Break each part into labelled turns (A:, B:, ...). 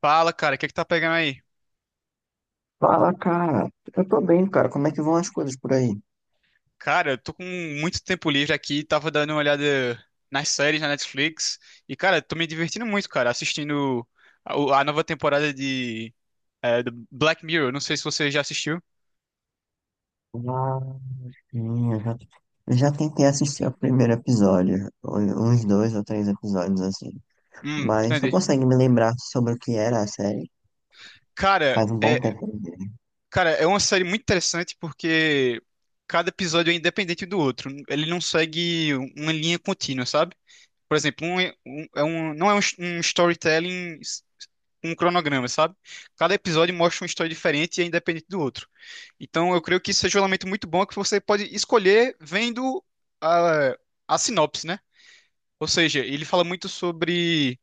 A: Fala, cara, o que é que tá pegando aí?
B: Fala, cara. Eu tô bem, cara. Como é que vão as coisas por aí?
A: Cara, eu tô com muito tempo livre aqui, tava dando uma olhada nas séries na Netflix e, cara, tô me divertindo muito, cara, assistindo a nova temporada do Black Mirror. Não sei se você já assistiu.
B: Ah, sim, eu já tentei assistir o primeiro episódio, uns dois ou três episódios assim. Mas não
A: Entendi.
B: consegue me lembrar sobre o que era a série.
A: Cara,
B: Faz um bom
A: é,
B: tempo mesmo.
A: cara, é uma série muito interessante porque cada episódio é independente um do outro. Ele não segue uma linha contínua, sabe? Por exemplo, um- é um, não é um, um storytelling, um cronograma, sabe? Cada episódio mostra uma história diferente e é independente do outro. Então, eu creio que isso seja um elemento muito bom que você pode escolher vendo a, a sinopse, né? Ou seja, ele fala muito sobre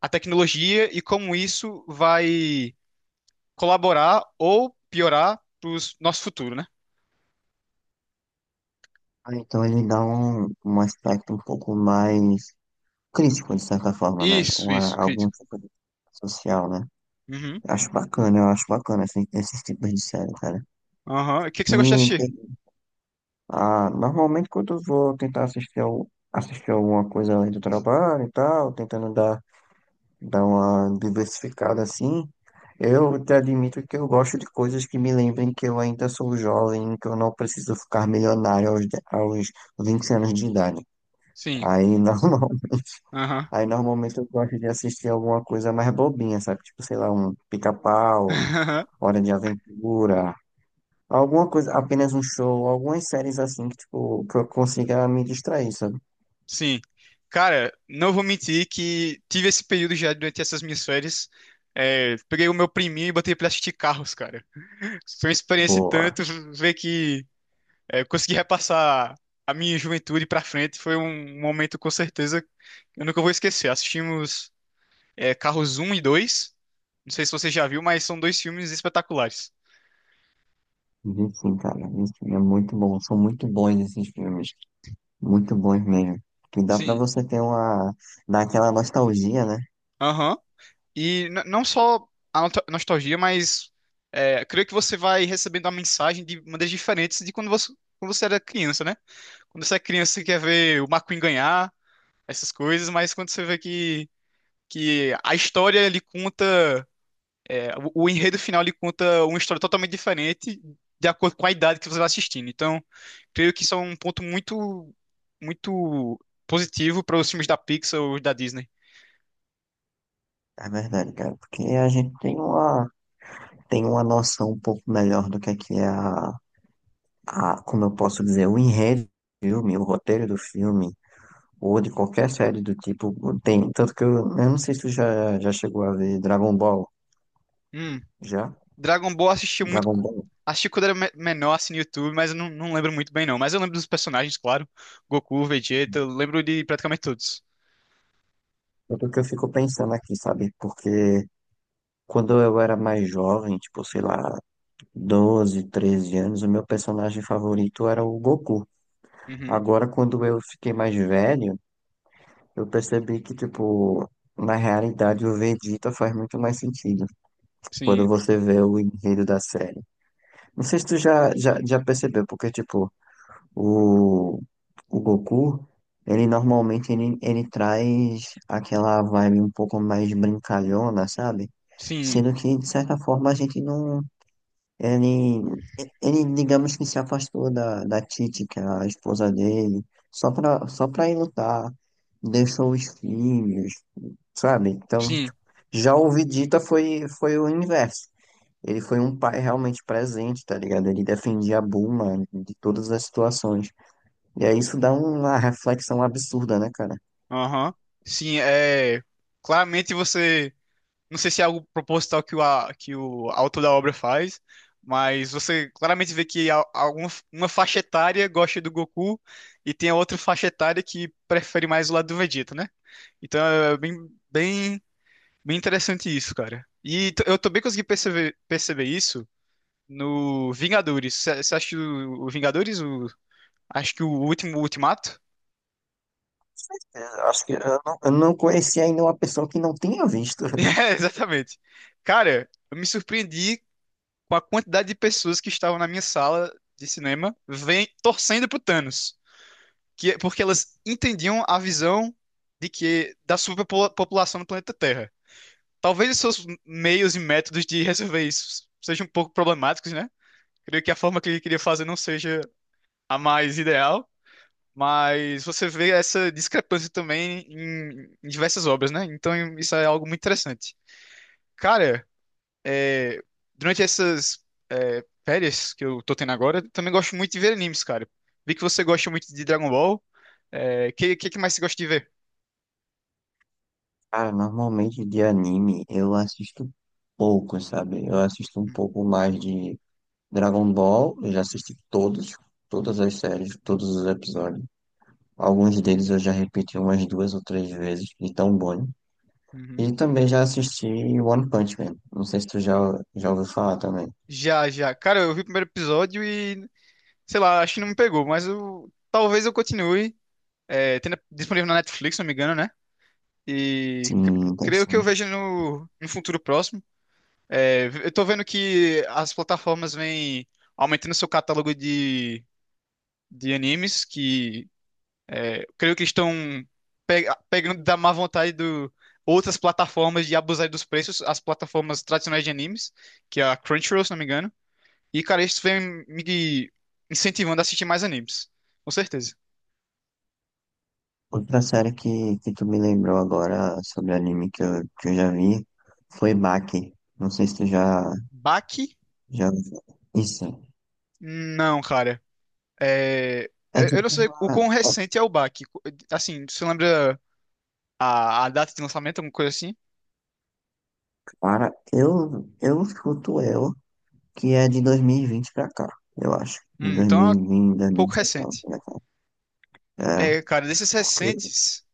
A: a tecnologia e como isso vai colaborar ou piorar para o nosso futuro, né?
B: Ah, então ele dá um aspecto um pouco mais crítico, de certa forma, né?
A: Isso,
B: Uma,
A: isso,
B: algum
A: crítico.
B: tipo de social, né?
A: Uhum.
B: Acho bacana, eu acho bacana assim, esses tipos de série, cara.
A: Aham. O que que você gosta de assistir?
B: E ah, normalmente quando eu vou tentar assistir, assistir alguma coisa além do trabalho e tal, tentando dar uma diversificada assim, eu te admito que eu gosto de coisas que me lembrem que eu ainda sou jovem, que eu não preciso ficar milionário aos 20 anos de idade.
A: Sim.
B: Aí normalmente,
A: Aham.
B: aí normalmente eu gosto de assistir alguma coisa mais bobinha, sabe? Tipo, sei lá, um pica-pau, Hora de Aventura, alguma coisa, apenas um show, algumas séries assim que, tipo, que eu consiga me distrair, sabe.
A: Sim. Cara, não vou mentir que tive esse período já durante essas minhas férias. É, peguei o meu priminho e botei pra assistir carros, cara. Foi uma experiência e
B: Boa.
A: tanto ver que eu consegui repassar a minha juventude pra frente. Foi um momento com certeza que eu nunca vou esquecer. Assistimos Carros 1 e 2. Não sei se você já viu, mas são dois filmes espetaculares.
B: Vi sim, cara. Vi sim. É muito bom. São muito bons esses filmes. Muito bons mesmo. Que dá pra
A: Sim.
B: você ter uma, dar aquela nostalgia, né?
A: Aham. E não só a nostalgia, mas creio que você vai recebendo a mensagem de maneiras diferentes de quando você era criança, né? Quando você é criança, você quer ver o McQueen ganhar, essas coisas, mas quando você vê que a história ele conta, o enredo final ele conta uma história totalmente diferente de acordo com a idade que você vai assistindo. Então, creio que isso é um ponto muito positivo para os filmes da Pixar ou da Disney.
B: É verdade, cara. Porque a gente tem uma, tem uma noção um pouco melhor do que é a, como eu posso dizer, o enredo do filme, o roteiro do filme, ou de qualquer série do tipo. Tem. Tanto que eu não sei se tu já chegou a ver Dragon Ball. Já?
A: Dragon Ball eu assisti muito.
B: Dragon Ball.
A: Assisti quando era menor, assim, no YouTube, mas eu não, não lembro muito bem, não. Mas eu lembro dos personagens, claro. Goku, Vegeta, eu lembro de praticamente todos.
B: Tanto que eu fico pensando aqui, sabe? Porque, quando eu era mais jovem, tipo, sei lá, 12, 13 anos, o meu personagem favorito era o Goku.
A: Uhum.
B: Agora, quando eu fiquei mais velho, eu percebi que, tipo, na realidade o Vegeta faz muito mais sentido quando
A: Sim.
B: você vê o enredo da série. Não sei se tu já percebeu, porque, tipo, o, o Goku, ele normalmente ele traz aquela vibe um pouco mais brincalhona, sabe?
A: Sim.
B: Sendo que, de certa forma, a gente não. Ele, Ele, digamos que se afastou da Titi, que era a esposa dele, só pra ir lutar. Deixou os filhos, sabe? Então,
A: Sim.
B: tipo, já o Vegeta foi o inverso. Ele foi um pai realmente presente, tá ligado? Ele defendia a Bulma de todas as situações. E aí isso dá uma reflexão absurda, né, cara?
A: Aham. Sim, é. Claramente você. Não sei se é algo proposital que que o autor da obra faz, mas você claramente vê que alguma uma faixa etária gosta do Goku e tem a outra faixa etária que prefere mais o lado do Vegeta, né? Então é bem interessante isso, cara. E eu também consegui perceber isso no Vingadores. Você acha que o Vingadores? Acho que o último Ultimato?
B: Eu acho que eu não, eu não conheci ainda uma pessoa que não tenha visto.
A: É, exatamente. Cara, eu me surpreendi com a quantidade de pessoas que estavam na minha sala de cinema vem, torcendo pro Thanos. Porque elas entendiam a visão de que da superpopulação no planeta Terra. Talvez os seus meios e métodos de resolver isso sejam um pouco problemáticos, né? Creio que a forma que ele queria fazer não seja a mais ideal, mas você vê essa discrepância também em diversas obras, né? Então isso é algo muito interessante. Cara, é, durante essas férias que eu tô tendo agora, eu também gosto muito de ver animes, cara. Vi que você gosta muito de Dragon Ball. Que mais você gosta de ver?
B: Cara, normalmente de anime eu assisto pouco, sabe? Eu assisto um
A: Hum,
B: pouco mais de Dragon Ball, eu já assisti todas as séries, todos os episódios. Alguns deles eu já repeti umas duas ou três vezes, de tão bom.
A: uhum.
B: E também já assisti One Punch Man. Não sei se tu já ouviu falar também.
A: Já, já. Cara, eu vi o primeiro episódio e, sei lá, acho que não me pegou, mas talvez eu continue. É, tem disponível na Netflix, se não me engano, né? E
B: Sim, então
A: creio que eu
B: sim.
A: vejo no futuro próximo. É, eu tô vendo que as plataformas vêm aumentando seu catálogo de animes, que creio que estão pegando da má vontade do outras plataformas de abusar dos preços, as plataformas tradicionais de animes, que é a Crunchyroll, se não me engano. E, cara, isso vem me incentivando a assistir mais animes, com certeza.
B: Outra série que tu me lembrou agora sobre anime que que eu já vi foi Baki. Não sei se tu já,
A: Baki?
B: já ouviu falar. Isso.
A: Não, cara. É,
B: É
A: é, eu não
B: tipo
A: sei o
B: uma.
A: quão recente é o baque. Assim, você lembra a data de lançamento, alguma coisa assim?
B: Para, eu escuto ela, que é de 2020 pra cá, eu acho.
A: Então é um
B: 2020,
A: pouco
B: 2019
A: recente.
B: pra cá. É,
A: É, cara, desses
B: porque.
A: recentes,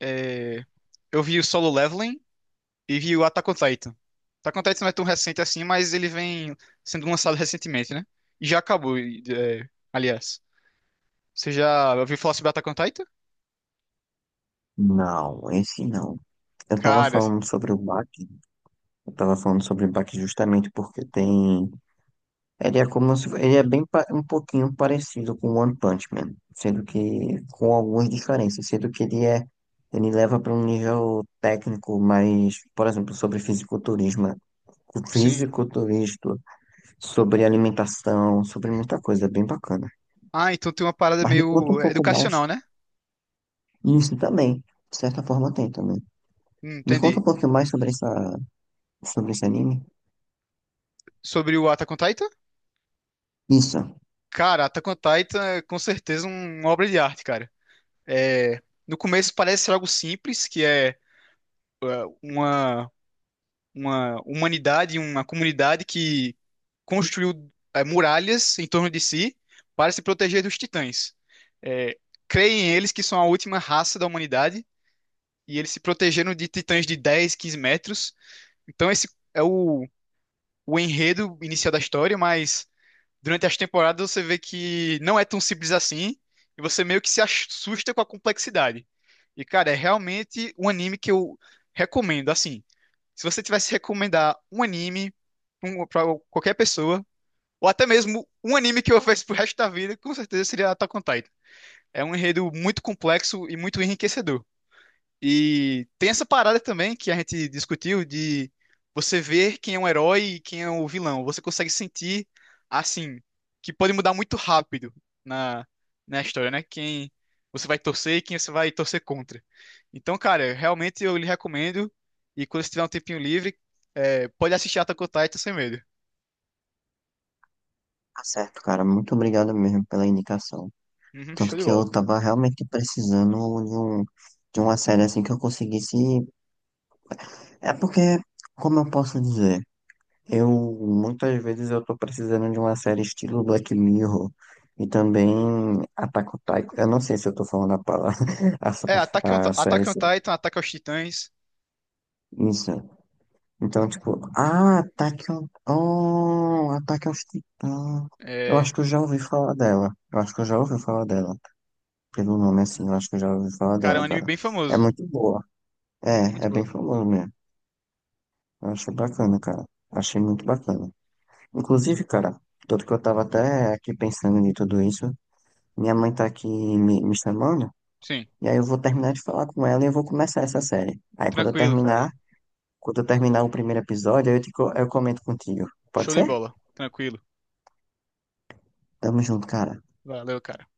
A: é, eu vi o Solo Leveling e vi o Attack on Titan. Attack on Titan não é tão recente assim, mas ele vem sendo lançado recentemente, né? E já acabou, e, é, aliás. Você já ouviu falar sobre Attack on Titan?
B: Não, esse não. Eu tava
A: Cara,
B: falando sobre o Bach, eu tava falando sobre o Bach justamente porque tem. Ele é como se. Ele é bem um pouquinho parecido com One Punch Man, sendo que, com algumas diferenças, sendo que ele é. Ele leva para um nível técnico mais, por exemplo, sobre fisiculturismo, o
A: sim.
B: fisiculturismo, sobre alimentação, sobre muita coisa, é bem bacana.
A: Ah, então tem uma parada
B: Mas me conta um
A: meio
B: pouco mais.
A: educacional, né?
B: Isso também, de certa forma tem também. Me conta
A: Entendi.
B: um pouquinho mais sobre essa, sobre esse anime.
A: Sobre o Attack on Titan?
B: Isso,
A: Cara, Attack on Titan é com certeza uma obra de arte, cara. É, no começo parece ser algo simples, que é uma, uma humanidade, uma comunidade que construiu muralhas em torno de si para se proteger dos titãs. É, creem eles que são a última raça da humanidade e eles se protegeram de titãs de 10, 15 metros. Então esse é o enredo inicial da história, mas durante as temporadas você vê que não é tão simples assim e você meio que se assusta com a complexidade. E, cara, é realmente um anime que eu recomendo. Assim, se você tivesse que recomendar um anime para qualquer pessoa, ou até mesmo um anime que eu faço pro resto da vida, com certeza seria Attack on Titan. É um enredo muito complexo e muito enriquecedor. E tem essa parada também que a gente discutiu de você ver quem é um herói e quem é o vilão. Você consegue sentir, assim, que pode mudar muito rápido na, na história, né? Quem você vai torcer e quem você vai torcer contra. Então, cara, realmente eu lhe recomendo. E quando você tiver um tempinho livre, é, pode assistir Attack on Titan sem medo.
B: tá certo, cara. Muito obrigado mesmo pela indicação.
A: Uhum, show
B: Tanto
A: de
B: que eu
A: bola.
B: tava realmente precisando de um, de uma série assim que eu conseguisse. É porque, como eu posso dizer? Eu muitas vezes eu tô precisando de uma série estilo Black Mirror e também Attack on Titan. Eu não sei se eu tô falando a palavra, a, s-
A: É,
B: a série
A: Attack on
B: certa.
A: Titan, Ataque aos Titãs.
B: Isso. Então, tipo, ah, Attack on Titan. Eu
A: É,
B: acho que eu já ouvi falar dela. Eu acho que eu já ouvi falar dela. Pelo nome assim, eu acho que eu já ouvi falar
A: cara, é um
B: dela,
A: anime
B: cara.
A: bem
B: É
A: famoso.
B: muito boa. É,
A: Muito
B: é
A: bom.
B: bem famoso mesmo. Eu achei bacana, cara. Achei muito bacana. Inclusive, cara, tanto que eu tava até aqui pensando em tudo isso. Minha mãe tá aqui me chamando,
A: Sim,
B: e aí eu vou terminar de falar com ela e eu vou começar essa série. Aí
A: tranquilo, cara.
B: quando eu terminar o primeiro episódio, aí eu comento contigo. Pode
A: Show de
B: ser?
A: bola. Tranquilo.
B: Tamo junto, cara.
A: Valeu, cara.